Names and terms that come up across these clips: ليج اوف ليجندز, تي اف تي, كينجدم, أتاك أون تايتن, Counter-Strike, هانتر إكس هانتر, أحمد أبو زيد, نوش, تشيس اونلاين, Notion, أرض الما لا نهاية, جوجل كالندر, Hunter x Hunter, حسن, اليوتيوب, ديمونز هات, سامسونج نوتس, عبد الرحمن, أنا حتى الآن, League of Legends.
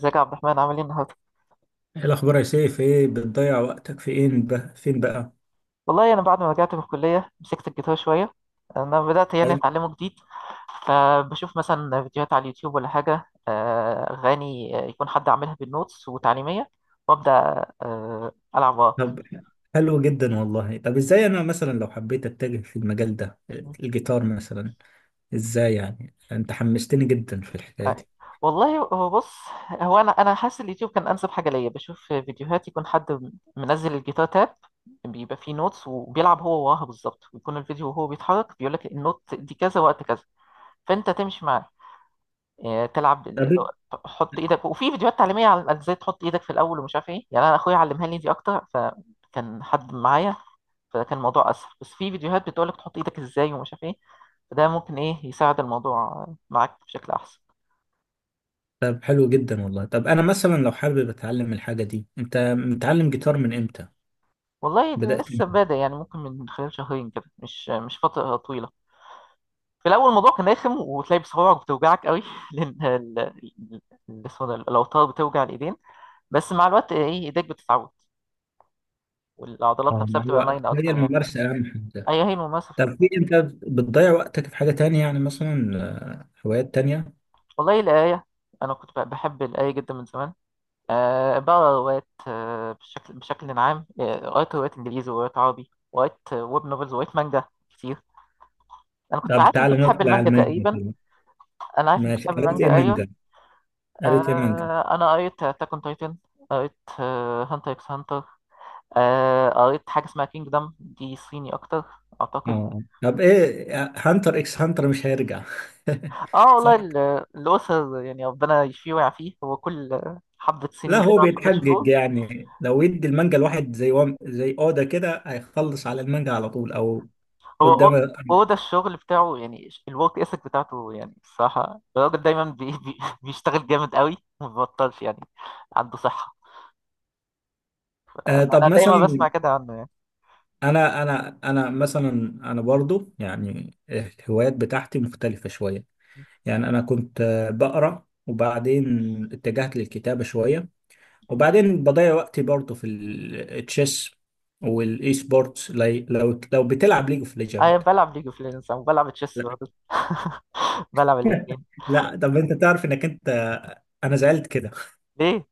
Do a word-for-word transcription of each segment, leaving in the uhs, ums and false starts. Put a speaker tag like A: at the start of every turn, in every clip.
A: ازيك يا عبد الرحمن عامل ايه النهارده؟
B: ايه الاخبار يا سيف؟ ايه بتضيع وقتك في ايه بقى؟ فين بقى؟
A: والله انا بعد ما رجعت من الكليه مسكت الجيتار شويه. انا بدات يعني
B: ايوه.
A: اتعلمه جديد. فبشوف مثلا فيديوهات على اليوتيوب ولا حاجه، آه، اغاني، آه، يكون حد عاملها بالنوتس وتعليميه وابدا، آه، العب وراه.
B: طب حلو جدا والله. طب ازاي انا مثلا لو حبيت اتجه في المجال ده، الجيتار مثلا؟ ازاي يعني؟ انت حمستني جدا في الحكايه
A: آه،
B: دي.
A: والله هو بص. هو انا انا حاسس اليوتيوب كان انسب حاجه ليا، بشوف فيديوهات يكون حد منزل الجيتار تاب، بيبقى فيه نوتس وبيلعب هو وراها بالظبط، ويكون الفيديو وهو بيتحرك بيقول لك النوت دي كذا وقت كذا، فانت تمشي معاه. آه، تلعب ال-
B: طب
A: ال- حط ايدك. وفي فيديوهات تعليميه على على ازاي تحط ايدك في الاول ومش عارف ايه، يعني انا اخويا علمها لي دي اكتر فكان حد معايا، فكان الموضوع اسهل. بس في فيديوهات بتقولك تحط ايدك ازاي ومش عارف ايه، فده ممكن ايه يساعد الموضوع معاك بشكل احسن.
B: طب حلو جدا والله. طب انا مثلا لو حابب اتعلم الحاجه دي، انت متعلم جيتار من امتى؟
A: والله
B: بدات
A: لسه
B: من-
A: بادئ، يعني ممكن من خلال شهرين كده، مش مش فتره طويله. في الاول الموضوع كان رخم، وتلاقي بصوابعك بتوجعك قوي لان ال- ال- ال- اسمه ده، الاوتار بتوجع الايدين. بس مع الوقت ايه ايديك بتتعود، والعضلات
B: اه،
A: نفسها
B: مع
A: بتبقى
B: الوقت.
A: مرنه
B: هي
A: اكتر يعني.
B: الممارسه اهم حاجه.
A: أيوة، هي مثلا
B: طب في انت بتضيع وقتك في حاجه تانية؟ يعني مثلا آه، هوايات تانية؟
A: والله الآية. أنا كنت ب- بحب الآية جدا من زمان. أه بقرا روايات، آه، بشكل بشكل عام. آه، قريت روايات إنجليزي وروايات عربي، وقريت، آه، ويب نوفلز، وقريت مانجا كتير. أنا كنت
B: طب
A: عارف أنت
B: تعالى
A: بتحب
B: ندخل على
A: المانجا
B: المانجا
A: تقريبا.
B: كده.
A: أنا عارف أنت
B: ماشي،
A: بتحب
B: قريت ايه
A: المانجا، أيوة.
B: مانجا؟ قريت إيه منك؟
A: أه أنا قريت أتاك أون تايتن، قريت هانتر إكس هانتر، قريت حاجة اسمها كينجدم، دي صيني أكتر
B: اه،
A: أعتقد.
B: آه. طب ايه، هانتر اكس هانتر مش هيرجع؟
A: اه والله
B: صح؟
A: ال- الأسر، يعني ربنا يشفيه ويعافيه، هو كل حبة
B: لا،
A: سنين
B: هو
A: كده أو حبة
B: بيتحجج.
A: شهور.
B: يعني لو يدي المانجا الواحد زي وم... زي اودا كده، هيخلص على المانجا على طول او
A: هو
B: قدام.
A: أو- هو ده الشغل بتاعه يعني، الورك اثيك بتاعته يعني، الصراحة الراجل دايما بي بي بيشتغل جامد قوي وما بيبطلش يعني، عنده صحة.
B: آه طب
A: أنا
B: مثلا،
A: دايما بسمع كده عنه يعني.
B: انا انا انا مثلا، انا برضو يعني الهوايات بتاعتي مختلفة شوية. يعني انا كنت آه، بقرا، وبعدين اتجهت للكتابة شوية، وبعدين بضيع وقتي برضه في ال- التشيس والاي سبورتس. لي- لو لو بتلعب ليج اوف
A: أيوة،
B: ليجند.
A: أنا بلعب ليج اوف ليجندز وبلعب تشيس
B: لا.
A: برضه، بلعب الاتنين.
B: لا، طب انت تعرف انك انت، انا زعلت كده،
A: ليه؟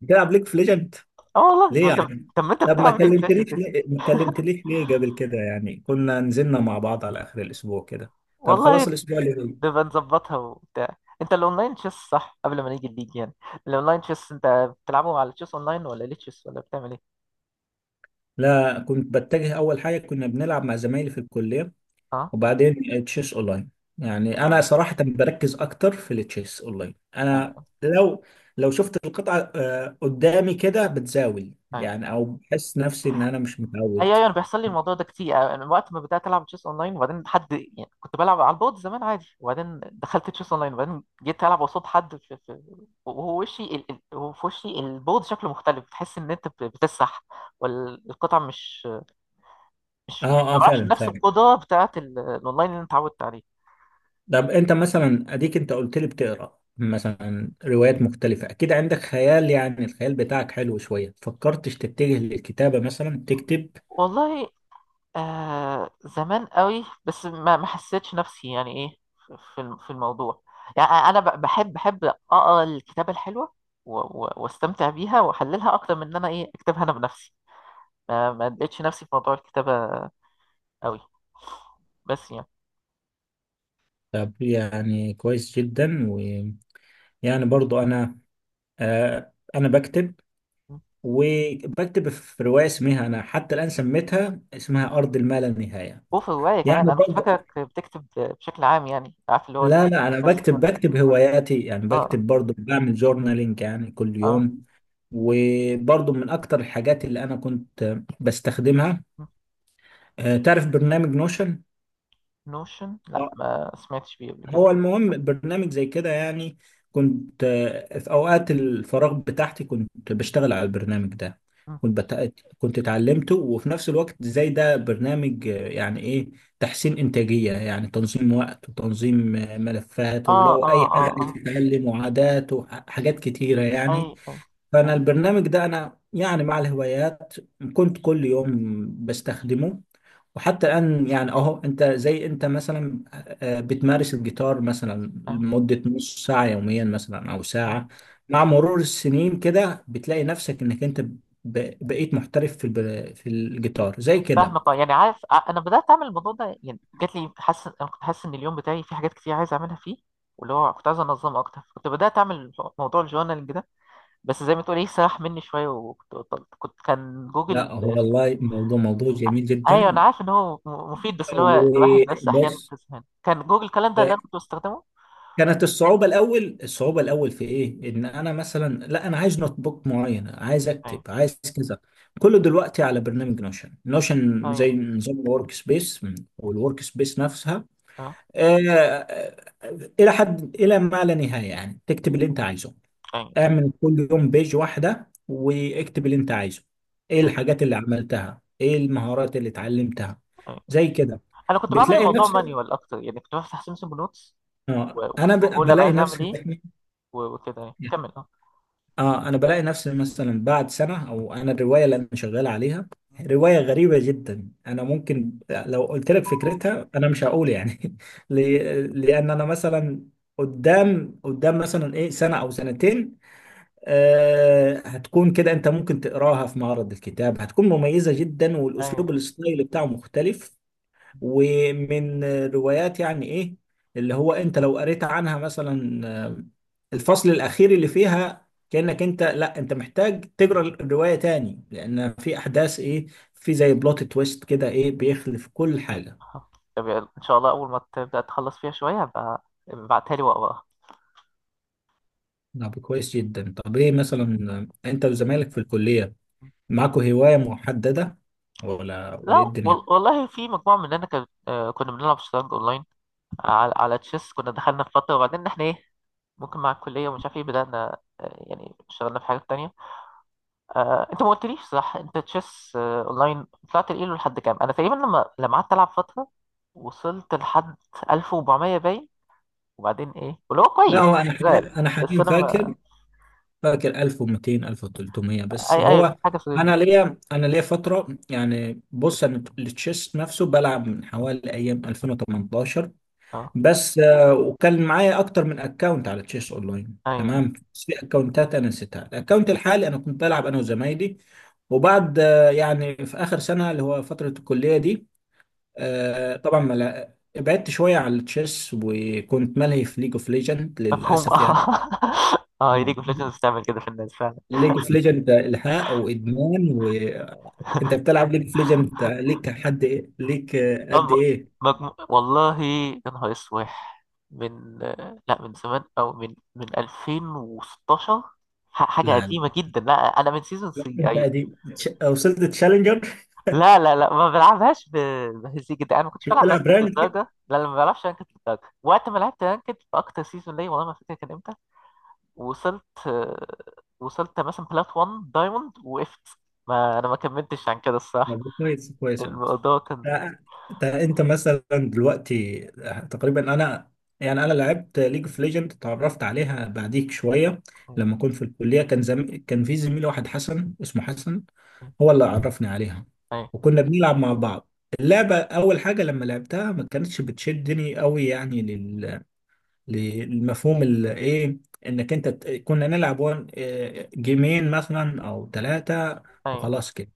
B: بتلعب ليج اوف ليجند؟
A: اه والله طب
B: ليه
A: انت،
B: يعني؟
A: طب ما انت
B: طب ما
A: بتلعب ليج اوف ليجندز
B: كلمتنيش
A: يا
B: ليه،
A: سيدي.
B: ما كلمتنيش ليه قبل كده؟ يعني كنا نزلنا مع بعض على اخر الاسبوع كده. طب خلاص،
A: والله
B: الاسبوع اللي جاي.
A: نبقى نظبطها وبتاع. انت الاونلاين تشيس صح قبل ما نيجي الليج يعني، الاونلاين تشيس انت بتلعبه على تشيس اونلاين ولا ليه تشيس، ولا بتعمل ايه؟
B: لا، كنت بتجه. اول حاجه كنا بنلعب مع زمايلي في الكليه،
A: اه،
B: وبعدين تشيس اونلاين. يعني انا
A: تشيس
B: صراحة بركز اكتر في التشيس اونلاين. انا
A: اونلاين.
B: لو لو شفت القطعة آه، قدامي كده بتزاول يعني، او بحس نفسي ان انا مش
A: ايوه
B: متعود.
A: ايوه، انا بيحصل لي الموضوع ده كتير. انا وقت ما بدات العب تشيس اونلاين، وبعدين حد يعني كنت بلعب على البود زمان عادي، وبعدين دخلت تشيس اونلاين، وبعدين جيت العب قصاد حد في في، وهو وشي ال... ال- وهو في وشي البود شكله مختلف، بتحس ان انت بت- بتسح، والقطع مش مش ما
B: اه اه،
A: بعرفش
B: فعلا
A: بنفس
B: فعلا.
A: القدره بتاعت ال- الاونلاين اللي انت اتعودت عليه.
B: طب انت مثلا، اديك انت قلت لي بتقرا مثلا روايات مختلفة، اكيد عندك خيال. يعني الخيال بتاعك حلو شوية، فكرتش تتجه للكتابة مثلا، تكتب؟
A: والله آه زمان قوي، بس ما ما حسيتش نفسي يعني ايه في الم- في الموضوع. يعني انا ب- بحب بحب اقرا الكتابه الحلوه و- و- واستمتع بيها واحللها اكتر من ان انا ايه اكتبها انا بنفسي. ما ما لقيتش نفسي في موضوع الكتابه قوي، بس يعني.
B: طب يعني كويس جدا، ويعني برضو انا، آه انا بكتب، وبكتب في رواية اسمها، أنا حتى الآن سميتها اسمها أرض الما لا نهاية.
A: وفي الروايه كمان
B: يعني
A: انا كنت
B: برضه،
A: فاكرك بتكتب بشكل عام، يعني عارف اللي هو ال-
B: لا لا، أنا
A: بس.
B: بكتب، بكتب هواياتي. يعني
A: اه
B: بكتب برضه، بعمل جورنالينج يعني كل
A: اه،
B: يوم. وبرضه من أكتر الحاجات اللي أنا كنت بستخدمها، آه، تعرف برنامج نوشن؟
A: نوشن، لا ما سمعتش بيه قبل كده.
B: هو المهم برنامج زي كده يعني. كنت آه، في اوقات الفراغ بتاعتي كنت بشتغل على البرنامج ده.
A: اه
B: كنت بت... كنت اتعلمته، وفي نفس الوقت زي ده برنامج آه، يعني ايه، تحسين انتاجية. يعني تنظيم وقت، وتنظيم آه، ملفات،
A: اه
B: ولو
A: اه،
B: اي حاجة عايز
A: اه
B: تتعلم، وعادات، وحاجات كتيرة
A: اي
B: يعني.
A: اي
B: فانا البرنامج ده، انا يعني مع الهوايات كنت كل يوم بستخدمه. وحتى الآن يعني أهو. أنت زي أنت مثلا، آه، آه، بتمارس الجيتار مثلا لمدة نص ساعة يوميا، مثلا أو
A: اي.
B: ساعة. مع مرور السنين كده بتلاقي نفسك إنك أنت ب- بقيت محترف في الب- في الجيتار زي كده.
A: فاهمك اه، يعني عارف ع- انا بدات اعمل الموضوع ده. يعني جات لي حاسس، انا كنت حاسس ان اليوم بتاعي في حاجات كتير عايز اعملها فيه، واللي هو كنت عايز انظم اكتر. كنت بدات اعمل موضوع الجورنالينج ده، بس زي ما تقول ايه، سرح مني شويه وكنت بطلت. كنت كان جوجل.
B: لا، هو والله موضوع موضوع جميل
A: ايوه انا
B: جدا.
A: عارف ان هو م- مفيد، بس اللي هو الواحد بس احيانا
B: وبص،
A: بتزهق. كان جوجل كالندر اللي انا كنت بستخدمه.
B: كانت الصعوبة الأول، الصعوبة الأول في إيه؟ إن أنا مثلا، لا، أنا عايز نوت بوك معين، عايز أكتب،
A: ايوه
B: عايز كذا. كله دلوقتي على برنامج نوشن. نوشن زي
A: ايوه،
B: نظام الورك سبيس، والورك سبيس نفسها
A: اه
B: آه، آه، إلى حد، إلى ما لا نهاية. يعني تكتب اللي أنت عايزه.
A: ايوه ايوه
B: اعمل كل يوم بيج واحدة، واكتب اللي أنت عايزه، إيه
A: ايوه.
B: الحاجات اللي عملتها، إيه المهارات اللي اتعلمتها،
A: أيوة.
B: زي كده.
A: انا كنت بعمل
B: بتلاقي
A: الموضوع
B: نفسك،
A: مانيوال اكتر، يعني كنت بفتح سامسونج نوتس، و-
B: آه،
A: وكنت
B: أنا ب-
A: بقول انا
B: بلاقي
A: عايز اعمل
B: نفسي،
A: ايه و- وكده، يعني كمل اه.
B: اه انا بلاقي نفسي مثلا بعد سنه او. انا الروايه اللي انا شغال عليها، روايه غريبه جدا. انا ممكن لو قلت لك فكرتها، انا مش هقول يعني ل- لان انا مثلا قدام قدام مثلا ايه، سنه او سنتين، آه هتكون كده. انت ممكن تقراها في معرض الكتاب، هتكون مميزه جدا. والاسلوب،
A: ايوه
B: الستايل بتاعه مختلف ومن روايات يعني ايه، اللي هو انت لو قريت عنها مثلا آه، الفصل الاخير اللي فيها، كأنك انت، لا انت محتاج تقرا الرواية تاني، لان في احداث ايه، في زي بلوت تويست كده، ايه، بيخلف كل حاجة.
A: طب يلا، ان شاء الله اول ما تبدا تخلص فيها شويه بقى ابعتها لي واقراها.
B: طب كويس جدا. طب ايه مثلا، آه، انت وزمايلك في الكلية معاكوا هواية محددة ولا ولا
A: لا
B: ايه الدنيا؟
A: وال- والله في مجموعه مننا كان، آه، كنا بنلعب شطرنج اونلاين على على تشيس. كنا دخلنا في فتره، وبعدين احنا ايه، ممكن مع الكليه ومش عارف ايه، بدانا، آه، يعني اشتغلنا في حاجات تانية. آه، انت ما قلتليش صح، انت تشيس، آه، اونلاين، طلعت الايلو لحد كام؟ انا تقريبا لما لما قعدت العب فتره وصلت لحد ألف واربعمائة باين. وبعدين ايه، واللي هو
B: لا، هو
A: كويس
B: انا
A: شغال.
B: حاليا، انا
A: بس
B: حاليا
A: انا ما،
B: فاكر، فاكر ألف ومئتين ألف وتلتمية، بس
A: اي ايوه،
B: هو.
A: كانت حاجه في الرينج
B: انا
A: ده.
B: ليا، انا ليا فتره يعني. بص انا التشيس نفسه بلعب من حوالي ايام ألفين وتمنتاشر.
A: اه
B: بس آه، وكان معايا اكتر من اكونت على تشيس اونلاين،
A: ايوه،
B: تمام. بس في اكونتات انا نسيتها. الاكونت الحالي انا كنت بلعب انا وزمايلي. وبعد آه، يعني في اخر سنه، اللي هو فتره الكليه دي، آه، طبعا ما لا- ابعدت شويه عن التشيس، وكنت ملهي في ليج اوف ليجند
A: مفهوم
B: للاسف
A: اه. اه، هي
B: يعني.
A: ليج اوف ليجندز بتعمل كده في الناس فعلا.
B: ليج اوف ليجند الحاق وادمان. وانت بتلعب ليج اوف ليجند، ليك حد ايه ليك قد
A: اما
B: ايه؟
A: مجمو... والله يا نهار اسوح، من، آه، لا من زمان، او من من ألفين وستاشر، ح- حاجه
B: لا لا.
A: قديمه جدا لا. انا من سيزون تلاتة،
B: انت
A: ايوه.
B: قديم، تش- وصلت تشالنجر؟
A: لا لا لا، ما بلعبهاش ب- بهزيج ده. انا ما كنتش بلعب
B: بتلعب
A: رانكد
B: رانك؟
A: للدرجه، لا لا ما بلعبش رانكد للدرجه. وقت ما لعبت رانكد في اكتر سيزون ليا، والله ما فاكر كان امتى، وصلت، آه، وصلت مثلا بلات واحد دايموند وقفت، ما انا ما كملتش عن كده الصراحه.
B: طب كويس كويس والله.
A: الموضوع كان
B: آه، انت انت مثلا دلوقتي، آه، تقريبا انا يعني، انا لعبت ليج اوف ليجند، اتعرفت عليها بعديك شويه.
A: أيوة،
B: لما كنت في الكليه كان زم... كان في زميل واحد حسن، اسمه حسن، هو اللي عرفني عليها، وكنا بنلعب مع بعض. اللعبه اول حاجه لما لعبتها، ما كانتش بتشدني قوي يعني، لل... للمفهوم ال- ايه، انك انت ت- كنا نلعب وان- آه، آه، جيمين مثلا او ثلاثه،
A: أيوة،
B: وخلاص كده.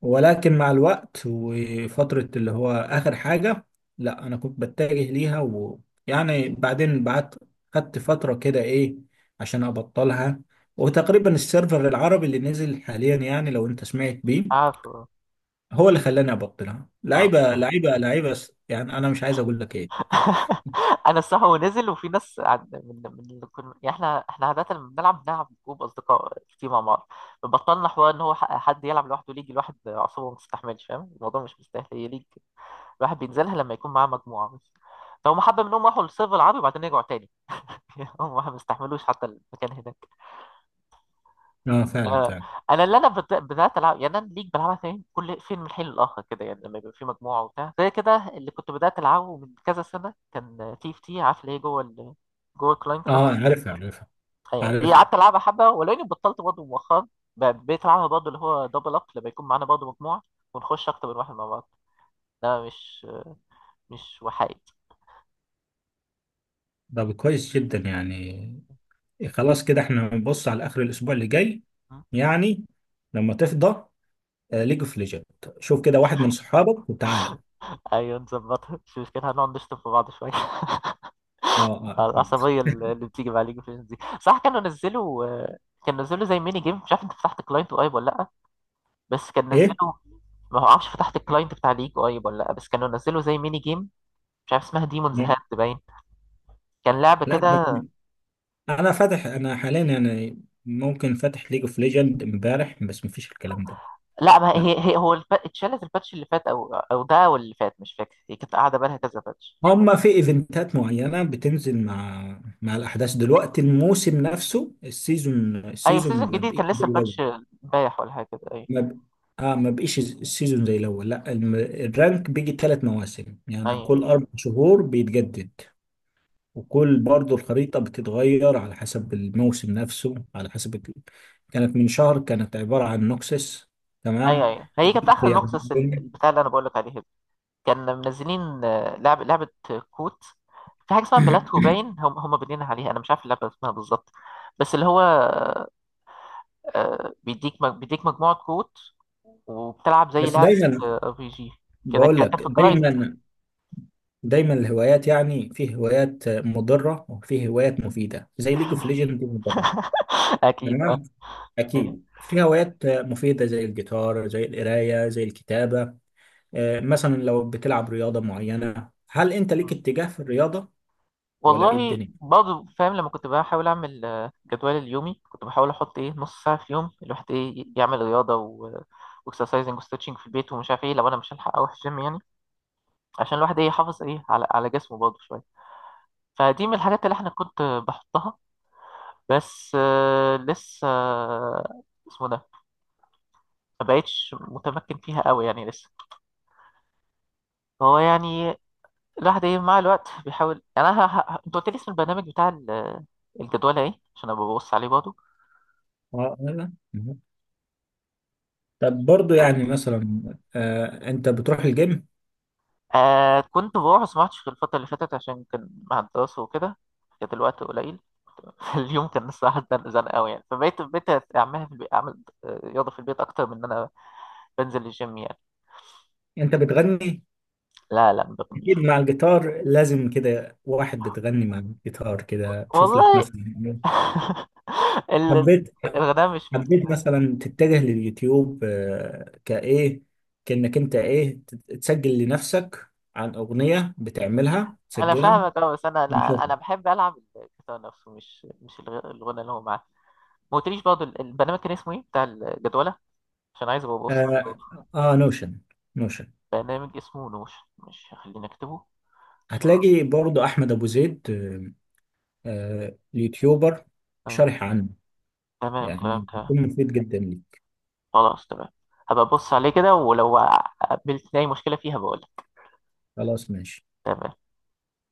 B: ولكن مع الوقت، وفترة اللي هو آخر حاجة، لا أنا كنت بتجه ليها. ويعني بعدين، بعد خدت فترة كده إيه، عشان أبطلها. وتقريبا السيرفر العربي اللي نزل حاليا، يعني لو أنت سمعت بيه،
A: عفو،
B: هو اللي خلاني أبطلها.
A: اه.
B: لعيبة آه. لعيبة لعيبة س- يعني أنا مش عايز أقول لك إيه.
A: انا الصح، ونزل، وفي ناس عند- من من اللي كنا يعني، احنا احنا عاده لما بنلعب بنلعب جروب اصدقاء كتير مع بعض، فبطلنا حوار ان هو ح- حد يلعب لوحده ليج. الواحد اعصابه ما تستحملش، فاهم؟ الموضوع مش مستاهل. هي ليج الواحد بينزلها لما يكون معاه مجموعه بس. فهم حبه منهم راحوا للسيرفر العربي وبعدين رجعوا تاني. هم ما استحملوش حتى المكان هناك.
B: آه، فعلا فعلا.
A: انا اللي انا بت- بدات العب، يعني انا ليج بلعبها فين كل فين من حين لاخر كده يعني، لما يبقى في مجموعه وبتاع زي كده. اللي كنت بدات العبه من كذا سنه كان تي اف تي، عارف اللي هي جوه ال... جوه الكلاينت
B: آه،
A: نفسه،
B: عارفها عارفها
A: يعني دي
B: عارفها.
A: قعدت العبها حبه ولاني بطلت برضه مؤخرا. ب- بقيت العبها برضه، اللي هو دبل اب لما يكون معانا برضه مجموعه ونخش اكتر من واحد مع بعض. ده مش مش وحيد.
B: طب كويس جدا يعني. خلاص كده إحنا بنبص على آخر الأسبوع اللي جاي،
A: م؟
B: يعني لما تفضى، ليج اوف ليجند. شوف كده واحد من صحابك وتعالى.
A: ايوه نظبطها مش مشكلة. هنقعد نشتم في بعض شويه.
B: اه اه، أكيد.
A: العصبيه اللي اللي بتيجي مع ليج اوف ليجندز دي صح. كانوا نزلوا، كانوا نزلوا زي ميني جيم، مش عارف انت فتحت كلاينت وايب ولا لا، بس كان نزله.
B: ايه.
A: ما هو عارفش فتحت الكلاينت بتاع ليج قريب ولا لا، بس كانوا نزلوا زي ميني جيم، مش عارف اسمها ديمونز هات
B: نعم.
A: باين، كان لعبه
B: لا بس،
A: كده.
B: انا فاتح، انا حاليا يعني ممكن فاتح ليج اوف ليجند امبارح، بس مفيش الكلام ده.
A: لا ما
B: لا،
A: هي، هي هو الب... اتشالت الباتش اللي فات، او او ده او اللي فات مش فاكر، هي كانت قاعده بالها كذا باتش.
B: هما في ايفنتات معينة بتنزل مع مع الاحداث. دلوقتي الموسم نفسه، السيزون،
A: ايوه
B: السيزون
A: سيزون
B: ما
A: جديد،
B: بقيش
A: كان
B: زي
A: لسه
B: الاول.
A: الباتش امبارح ولا حاجه كده، ايوه
B: ما ب... اه، ما بقيش السيزون زي الاول. لا الم- الرانك بيجي ثلاث مواسم، يعني
A: ايوه
B: كل اربع شهور بيتجدد. وكل برضو الخريطة بتتغير على حسب الموسم نفسه، على حسب ال- كانت من شهر، كانت عبارة عن نوكسس.
A: ايوه
B: تمام.
A: ايوه. هي كانت اخر
B: دلوقتي يعني
A: نوكسس ال-
B: الدنيا-
A: البتاع اللي انا بقول لك عليه ده. كان منزلين، آه، لعب لعبه كوت، في حاجه اسمها بلاتو باين. هم هم بنينا عليها، انا مش عارف اللعبه اسمها بالظبط، بس اللي هو، آه، بيديك مج- بيديك مجموعه كروت وبتلعب زي
B: بس
A: لعبة
B: دايما
A: ار بي جي كده
B: بقول
A: كده،
B: لك،
A: في كلايد.
B: دايما دايما الهوايات يعني، في هوايات مضرة وفي هوايات مفيدة، زي ليج اوف ليجند دي، مضرة.
A: اكيد اه.
B: تمام.
A: أيوة.
B: أكيد في هوايات مفيدة زي الجيتار، زي القراية، زي الكتابة. آه، مثلا لو بتلعب رياضة معينة، هل أنت ليك اتجاه في الرياضة ولا إيه
A: والله
B: الدنيا؟
A: برضه فاهم. لما كنت بحاول اعمل، آه، جدول اليومي، كنت بحاول احط ايه نص ساعه في يوم الواحد ايه يعمل رياضه، و واكسرسايزنج وستريتشنج في البيت ومش عارف ايه، لو انا مش هلحق اروح الجيم يعني، عشان الواحد ايه يحافظ ايه على على جسمه برضه شويه. فدي من الحاجات اللي احنا كنت بحطها. بس، آه، لسه آه، اسمه ده، ما بقتش متمكن فيها قوي يعني لسه. هو يعني الواحد ايه مع الوقت بيحاول. يعني انا ه... ه... انت قلت لي اسم البرنامج بتاع ال- الجدول ايه عشان ابقى ببص عليه برضه.
B: اه. لا. طب برضو يعني
A: قلت-
B: مثلا، آه، انت بتروح الجيم؟
A: آه كنت بروح، بس ما عدتش في الفترة اللي فاتت عشان كان مع الدراسة وكده، كانت الوقت قليل. اليوم كان الصراحة زنق زنق قوي يعني، فبقيت بقيت أعملها في البيت. أعمل، آه، رياضة في البيت أكتر من إن أنا بنزل الجيم يعني.
B: انت بتغني؟
A: لا لا ما بغنيش.
B: اكيد، مع الجيتار لازم كده واحد بتغني. مع الجيتار كده تشوف لك
A: والله
B: مثلا،
A: ال-
B: حبيت
A: الغناء مش من.
B: حبيت مثلا تتجه لليوتيوب آه، كايه، كانك انت ايه تت- تسجل لنفسك، عن اغنية بتعملها
A: أنا
B: تسجلها؟
A: فاهمك أه، بس أنا
B: نشوف.
A: لا، أنا بحب ألعب الجيتار نفسه، مش مش الغ- الغنى اللي هو معاه. ما قلتليش برضه ال- البرنامج كان اسمه ايه بتاع الجدولة، عشان عايز ابقى ابص عليه
B: اه،
A: برضه.
B: آه نوشن. نوشن.
A: برنامج اسمه نوش، مش هخليني اكتبه عشان
B: هتلاقي برضو احمد ابو زيد، آه، آه، يوتيوبر
A: أيوة.
B: شارح عنه.
A: تمام تمام
B: يعني
A: تمام.
B: بيكون مفيد جدا ليك.
A: خلاص تمام، هبقى ابص عليه كده، ولو قابلت اي مشكلة فيها بقول لك.
B: خلاص، ماشي.
A: تمام.